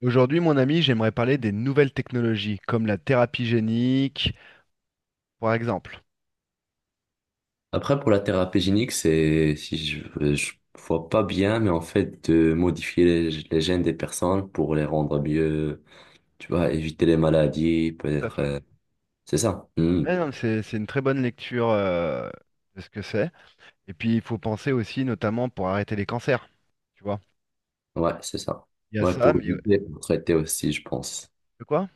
Aujourd'hui, mon ami, j'aimerais parler des nouvelles technologies, comme la thérapie génique, par exemple. Après, pour la thérapie génique, c'est, si je, je vois pas bien, mais en fait, de modifier les gènes des personnes pour les rendre mieux, tu vois, éviter les maladies, Tout à peut-être, fait. euh, c'est ça. Hmm. Eh non, c'est une très bonne lecture de ce que c'est. Et puis, il faut penser aussi, notamment, pour arrêter les cancers. Tu vois, Ouais, c'est ça. il y a Ouais, ça, pour mais éviter, pour traiter aussi, je pense. de quoi?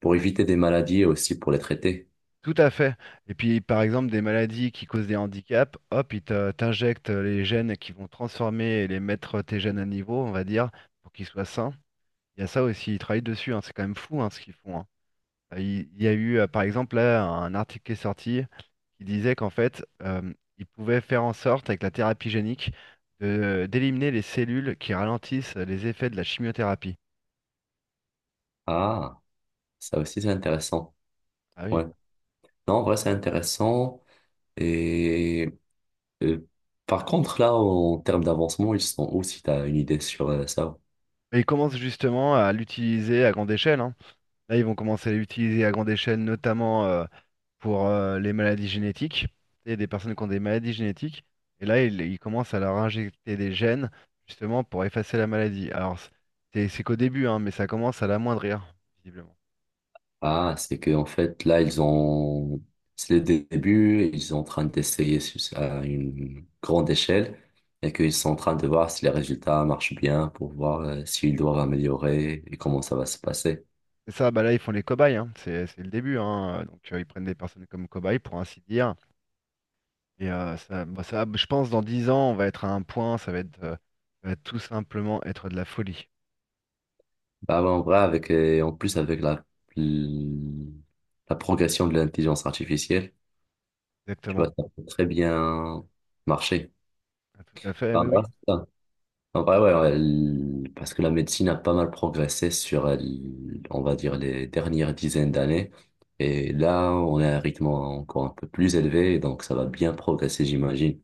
Pour éviter des maladies et aussi pour les traiter. Tout à fait. Et puis, par exemple, des maladies qui causent des handicaps, hop, t'injectent les gènes qui vont transformer et les mettre tes gènes à niveau, on va dire, pour qu'ils soient sains. Il y a ça aussi, ils travaillent dessus, hein. C'est quand même fou, hein, ce qu'ils font, hein. Il y a eu, par exemple, là, un article qui est sorti qui disait qu'en fait, il pouvait faire en sorte, avec la thérapie génique, d'éliminer les cellules qui ralentissent les effets de la chimiothérapie. Ah, ça aussi, c'est intéressant. Ah oui. Ouais. Non, en vrai, c'est intéressant. Et euh, par contre, là, en termes d'avancement, ils sont où, si tu as une idée sur ça? Et ils commencent justement à l'utiliser à grande échelle, hein. Là, ils vont commencer à l'utiliser à grande échelle, notamment pour les maladies génétiques, et des personnes qui ont des maladies génétiques. Et là, ils commencent à leur injecter des gènes, justement, pour effacer la maladie. Alors, c'est qu'au début, hein, mais ça commence à l'amoindrir, visiblement. Ah, c'est que en fait, là, ils ont... C'est le début, et ils sont en train d'essayer à une grande échelle, et qu'ils sont en train de voir si les résultats marchent bien pour voir s'ils doivent améliorer et comment ça va se passer. C'est ça, bah là ils font les cobayes, hein. C'est le début, hein. Donc ils prennent des personnes comme cobayes pour ainsi dire. Et ça, bah, ça, je pense dans 10 ans on va être à un point, ça va être, ça va tout simplement être de la folie. Bah, ouais, en vrai, avec, en plus, avec la progression de l'intelligence artificielle. Tu vois, Exactement. ça peut très bien marcher. Ah, tout à fait, Ah, oui, bah, oui. ça. En vrai, ouais, parce que la médecine a pas mal progressé sur, on va dire, les dernières dizaines d'années. Et là, on est à un rythme encore un peu plus élevé, donc ça va bien progresser, j'imagine.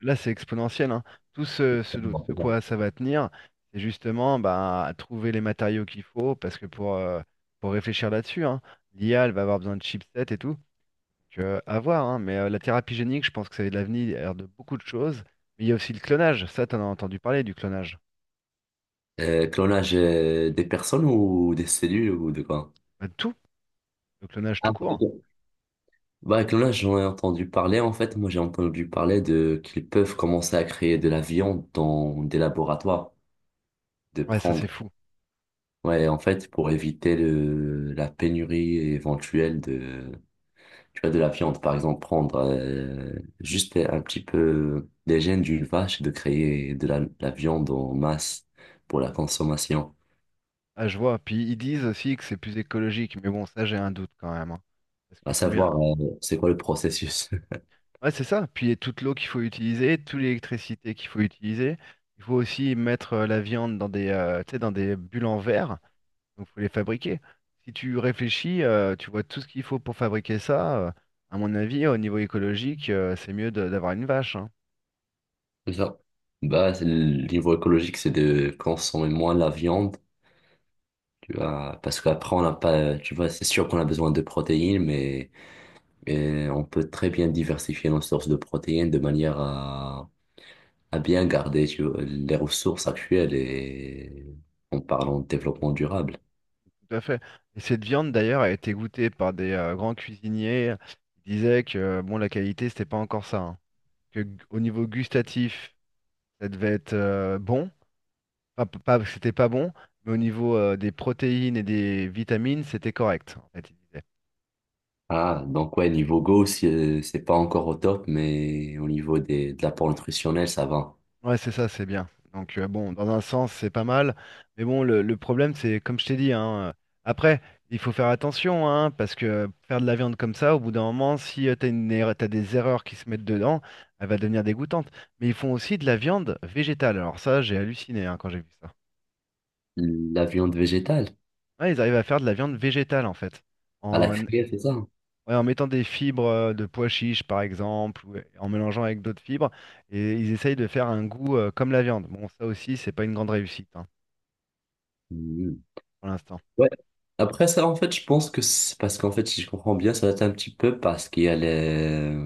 Là c'est exponentiel, hein. Tout ce, ce, Bon, ce c'est bon. quoi ça va tenir, c'est justement bah, trouver les matériaux qu'il faut, parce que pour réfléchir là-dessus, hein, l'IA elle va avoir besoin de chipsets et tout. Donc, à voir, hein, mais la thérapie génique, je pense que ça a de l'avenir de beaucoup de choses. Mais il y a aussi le clonage. Ça, t'en as entendu parler du clonage. Clonage des personnes ou des cellules ou de quoi? Bah, de tout, le clonage Ah, tout court. ok. Bah, clonage, j'en ai entendu parler. En fait, moi, j'ai entendu parler de qu'ils peuvent commencer à créer de la viande dans des laboratoires, de Ouais, ça prendre. c'est fou. Ouais, en fait, pour éviter la pénurie éventuelle de, tu vois, de la viande, par exemple, prendre juste un petit peu des gènes d'une vache et de créer de la viande en masse pour la consommation. Ah, je vois. Puis ils disent aussi que c'est plus écologique, mais bon, ça j'ai un doute quand même, hein. Parce qu'il À faut bien. savoir, c'est quoi le processus? Ouais, c'est ça. Puis il y a toute l'eau qu'il faut utiliser, toute l'électricité qu'il faut utiliser. Il faut aussi mettre la viande dans des, tu sais, dans des bulles en verre. Donc faut les fabriquer. Si tu réfléchis, tu vois tout ce qu'il faut pour fabriquer ça, à mon avis, au niveau écologique, c'est mieux d'avoir une vache, hein. C'est ça. Bah, c'est le niveau écologique, c'est de consommer moins la viande, tu vois, parce qu'après, on n'a pas, tu vois, c'est sûr qu'on a besoin de protéines, mais on peut très bien diversifier nos sources de protéines de manière à bien garder tu vois, les ressources actuelles et en parlant de développement durable. Tout à fait. Et cette viande d'ailleurs a été goûtée par des grands cuisiniers. Ils disaient que bon, la qualité, c'était pas encore ça, hein. Au niveau gustatif, ça devait être bon. Pas que c'était pas bon, mais au niveau des protéines et des vitamines, c'était correct. En fait, ils disaient. Ah, donc ouais, niveau Go, c'est pas encore au top, mais au niveau des, de l'apport nutritionnel, ça va. Ouais, c'est ça, c'est bien. Donc, bon, dans un sens, c'est pas mal. Mais bon, le problème, c'est, comme je t'ai dit, hein, après, il faut faire attention, hein, parce que faire de la viande comme ça, au bout d'un moment, si tu t'as une erreur- t'as des erreurs qui se mettent dedans, elle va devenir dégoûtante. Mais ils font aussi de la viande végétale. Alors ça, j'ai halluciné, hein, quand j'ai vu ça. La viande végétale, Ouais, ils arrivent à faire de la viande végétale, en fait. à la En, criée, c'est ça? ouais, en mettant des fibres de pois chiches, par exemple, ou en mélangeant avec d'autres fibres, et ils essayent de faire un goût, comme la viande. Bon, ça aussi, c'est pas une grande réussite, hein, Mhm. pour l'instant. Ouais. Après ça, en fait, je pense que c'est parce qu'en fait, si je comprends bien, ça doit être un petit peu parce qu'il y a les,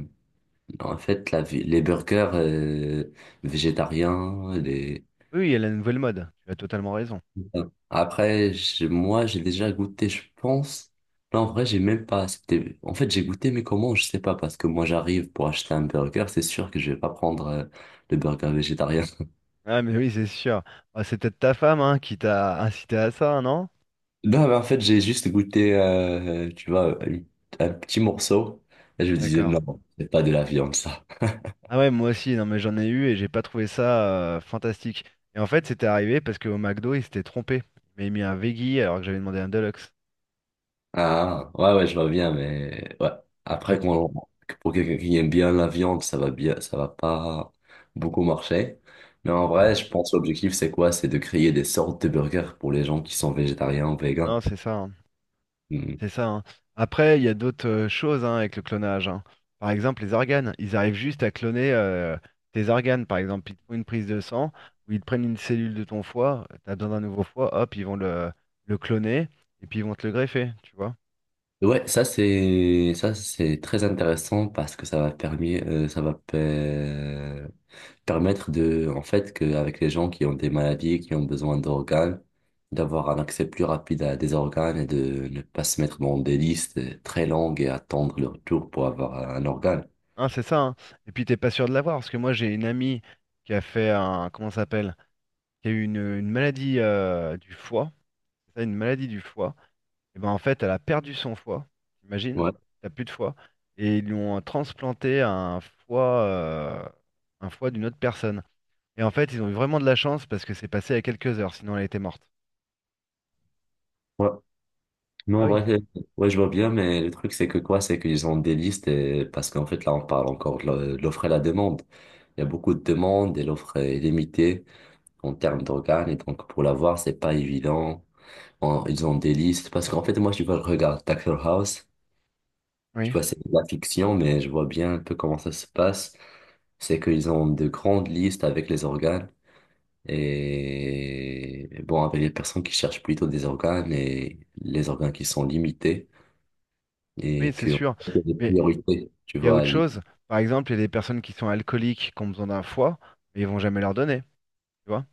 en fait, la, les burgers végétariens, les. Oui, oui, il y a la nouvelle mode, tu as totalement raison. Bon. Après, moi, j'ai déjà goûté, je pense. Là, en vrai, j'ai même pas. C'était... En fait, j'ai goûté, mais comment, je sais pas, parce que moi, j'arrive pour acheter un burger, c'est sûr que je vais pas prendre le burger végétarien. Ah, mais oui, c'est sûr. Ah, c'est peut-être ta femme hein, qui t'a incité à ça, non? Non, mais en fait, j'ai juste goûté, tu vois, un petit morceau, et je me disais, D'accord. non, c'est pas de la viande, ça. Ah ouais, moi aussi, non mais j'en ai eu et j'ai pas trouvé ça fantastique. Et en fait, c'était arrivé parce qu'au McDo, il s'était trompé. Il m'avait mis un veggie alors que j'avais demandé un deluxe. Ah, ouais, je vois bien, mais ouais. J'ai... Après, pour quelqu'un qui aime bien la viande, ça va bien, ça va pas beaucoup marcher. Mais en vrai, je pense que l'objectif, c'est quoi? C'est de créer des sortes de burgers pour les gens qui sont végétariens ou Non, végans. c'est ça, hein. Hmm. C'est ça, hein. Après, il y a d'autres choses, hein, avec le clonage, hein. Par exemple, les organes. Ils arrivent juste à cloner tes organes. Par exemple, ils te font une prise de sang ou ils te prennent une cellule de ton foie. Tu as besoin d'un nouveau foie. Hop, ils vont le cloner et puis ils vont te le greffer. Tu vois? Ouais, ça c'est très intéressant parce que ça va permis ça va permettre de, en fait, qu'avec les gens qui ont des maladies, qui ont besoin d'organes, d'avoir un accès plus rapide à des organes et de ne pas se mettre dans des listes très longues et attendre leur tour pour avoir un organe. Hein, c'est ça, hein. Et puis, t'es pas sûr de l'avoir. Parce que moi, j'ai une amie qui a fait un. Comment ça s'appelle? Qui a eu une maladie du foie. C'est ça, une maladie du foie. Et ben en fait, elle a perdu son foie. T'imagines? Ouais, T'as plus de foie. Et ils lui ont transplanté un foie d'une autre personne. Et en fait, ils ont eu vraiment de la chance parce que c'est passé à quelques heures, sinon elle était morte. ouais. Non, Ah en oui, vrai, ouais, je vois bien, mais le truc, c'est que quoi? C'est qu'ils ont des listes et parce qu'en fait, là, on parle encore de l'offre et la demande. Il y a beaucoup de demandes et l'offre est limitée en termes d'organes et donc pour l'avoir, c'est pas évident. Ils ont des listes parce qu'en fait, moi, je vois, je regarde Doctor House. Tu oui, vois, c'est de la fiction, mais je vois bien un peu comment ça se passe. C'est qu'ils ont de grandes listes avec les organes et bon, avec les personnes qui cherchent plutôt des organes et les organes qui sont limités oui, et c'est qui ont sûr. des Mais priorités, tu il y a vois. autre L- chose. Par exemple, il y a des personnes qui sont alcooliques, qui ont besoin d'un foie, mais ils vont jamais leur donner. Tu vois?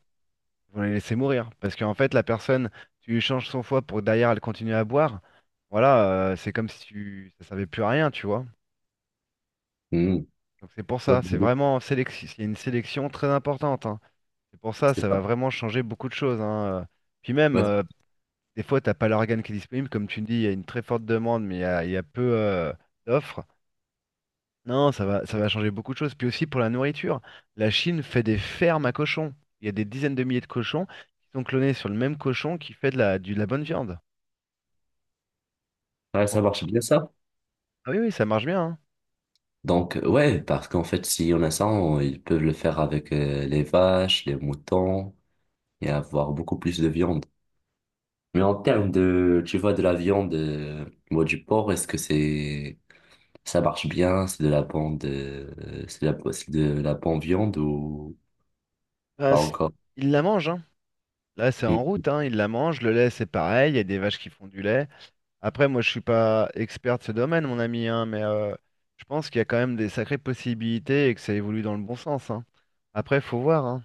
Ils vont les laisser mourir. Parce qu'en fait, la personne, tu lui changes son foie pour que derrière elle continue à boire. Voilà, c'est comme si ça servait plus à rien, tu vois. Hmm. Donc c'est pour Ouais, ça, c'est vraiment sélection, il y a une sélection très importante, hein. C'est pour ça, c'est ça va ça. vraiment changer beaucoup de choses, hein. Puis même, Ouais. Des fois, t'as pas l'organe qui est disponible. Comme tu me dis, il y a une très forte demande, mais il y a peu d'offres. Non, ça va changer beaucoup de choses. Puis aussi pour la nourriture, la Chine fait des fermes à cochons. Il y a des dizaines de milliers de cochons qui sont clonés sur le même cochon qui fait de la bonne viande. Tu Ouais, te rends ça marche compte? bien ça. Ah oui, oui, ça marche bien, hein. Donc, ouais, parce qu'en fait, si on a ça, ils peuvent le faire avec les vaches, les moutons et avoir beaucoup plus de viande. Mais en termes de, tu vois, de la viande, ou du porc, est-ce que c'est, ça marche bien? C'est de la bonne, c'est de la bonne viande ou Bah, pas c'est- encore? ils la mange, hein. Là, c'est en Hmm. route, hein. Ils la mange. Le lait, c'est pareil. Il y a des vaches qui font du lait. Après, moi, je suis pas expert de ce domaine, mon ami, hein, mais je pense qu'il y a quand même des sacrées possibilités et que ça évolue dans le bon sens, hein. Après, faut voir, hein.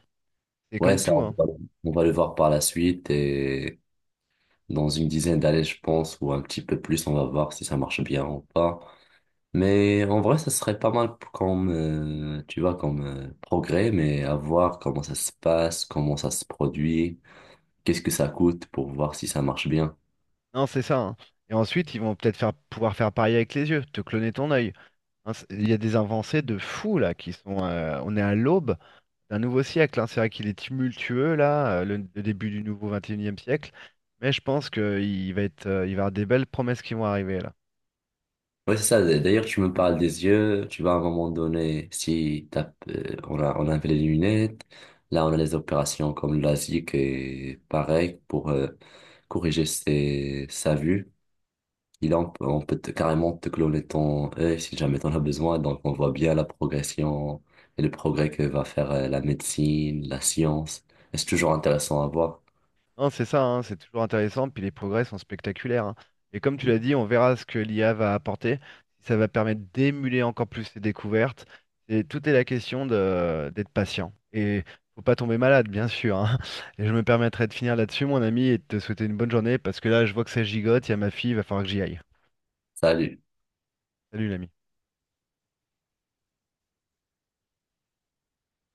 C'est Ouais, comme ça, tout, on hein. va, on va le voir par la suite et dans une dizaine d'années, je pense, ou un petit peu plus, on va voir si ça marche bien ou pas. Mais en vrai, ça serait pas mal comme, tu vois, comme progrès, mais à voir comment ça se passe, comment ça se produit. Qu'est-ce que ça coûte pour voir si ça marche bien? Non, c'est ça, hein. Et ensuite, ils vont peut-être faire, pouvoir faire pareil avec les yeux, te cloner ton œil. Hein, Il y a des avancées de fous là qui sont. On est à l'aube d'un nouveau siècle, hein. C'est vrai qu'il est tumultueux là, le début du nouveau 21e siècle. Mais je pense qu'il va être, il va y avoir des belles promesses qui vont arriver là. Ouais, c'est ça. D'ailleurs, tu me parles des yeux. Tu vas à un moment donné, si t'as, on a, on avait les lunettes, là, on a les opérations comme la, et pareil pour corriger ses, sa vue. On peut, on peut carrément te cloner ton œil si jamais t'en as besoin. Donc, on voit bien la progression et le progrès que va faire la médecine, la science. Et c'est toujours intéressant à voir. Non, c'est ça, hein, c'est toujours intéressant, puis les progrès sont spectaculaires, hein. Et comme tu l'as dit, on verra ce que l'IA va apporter, si ça va permettre d'émuler encore plus ces découvertes. Et tout est la question de d'être patient. Et faut pas tomber malade, bien sûr, hein. Et je me permettrai de finir là-dessus, mon ami, et de te souhaiter une bonne journée, parce que là, je vois que ça gigote, il y a ma fille, il va falloir que j'y aille. Salut. Salut, l'ami.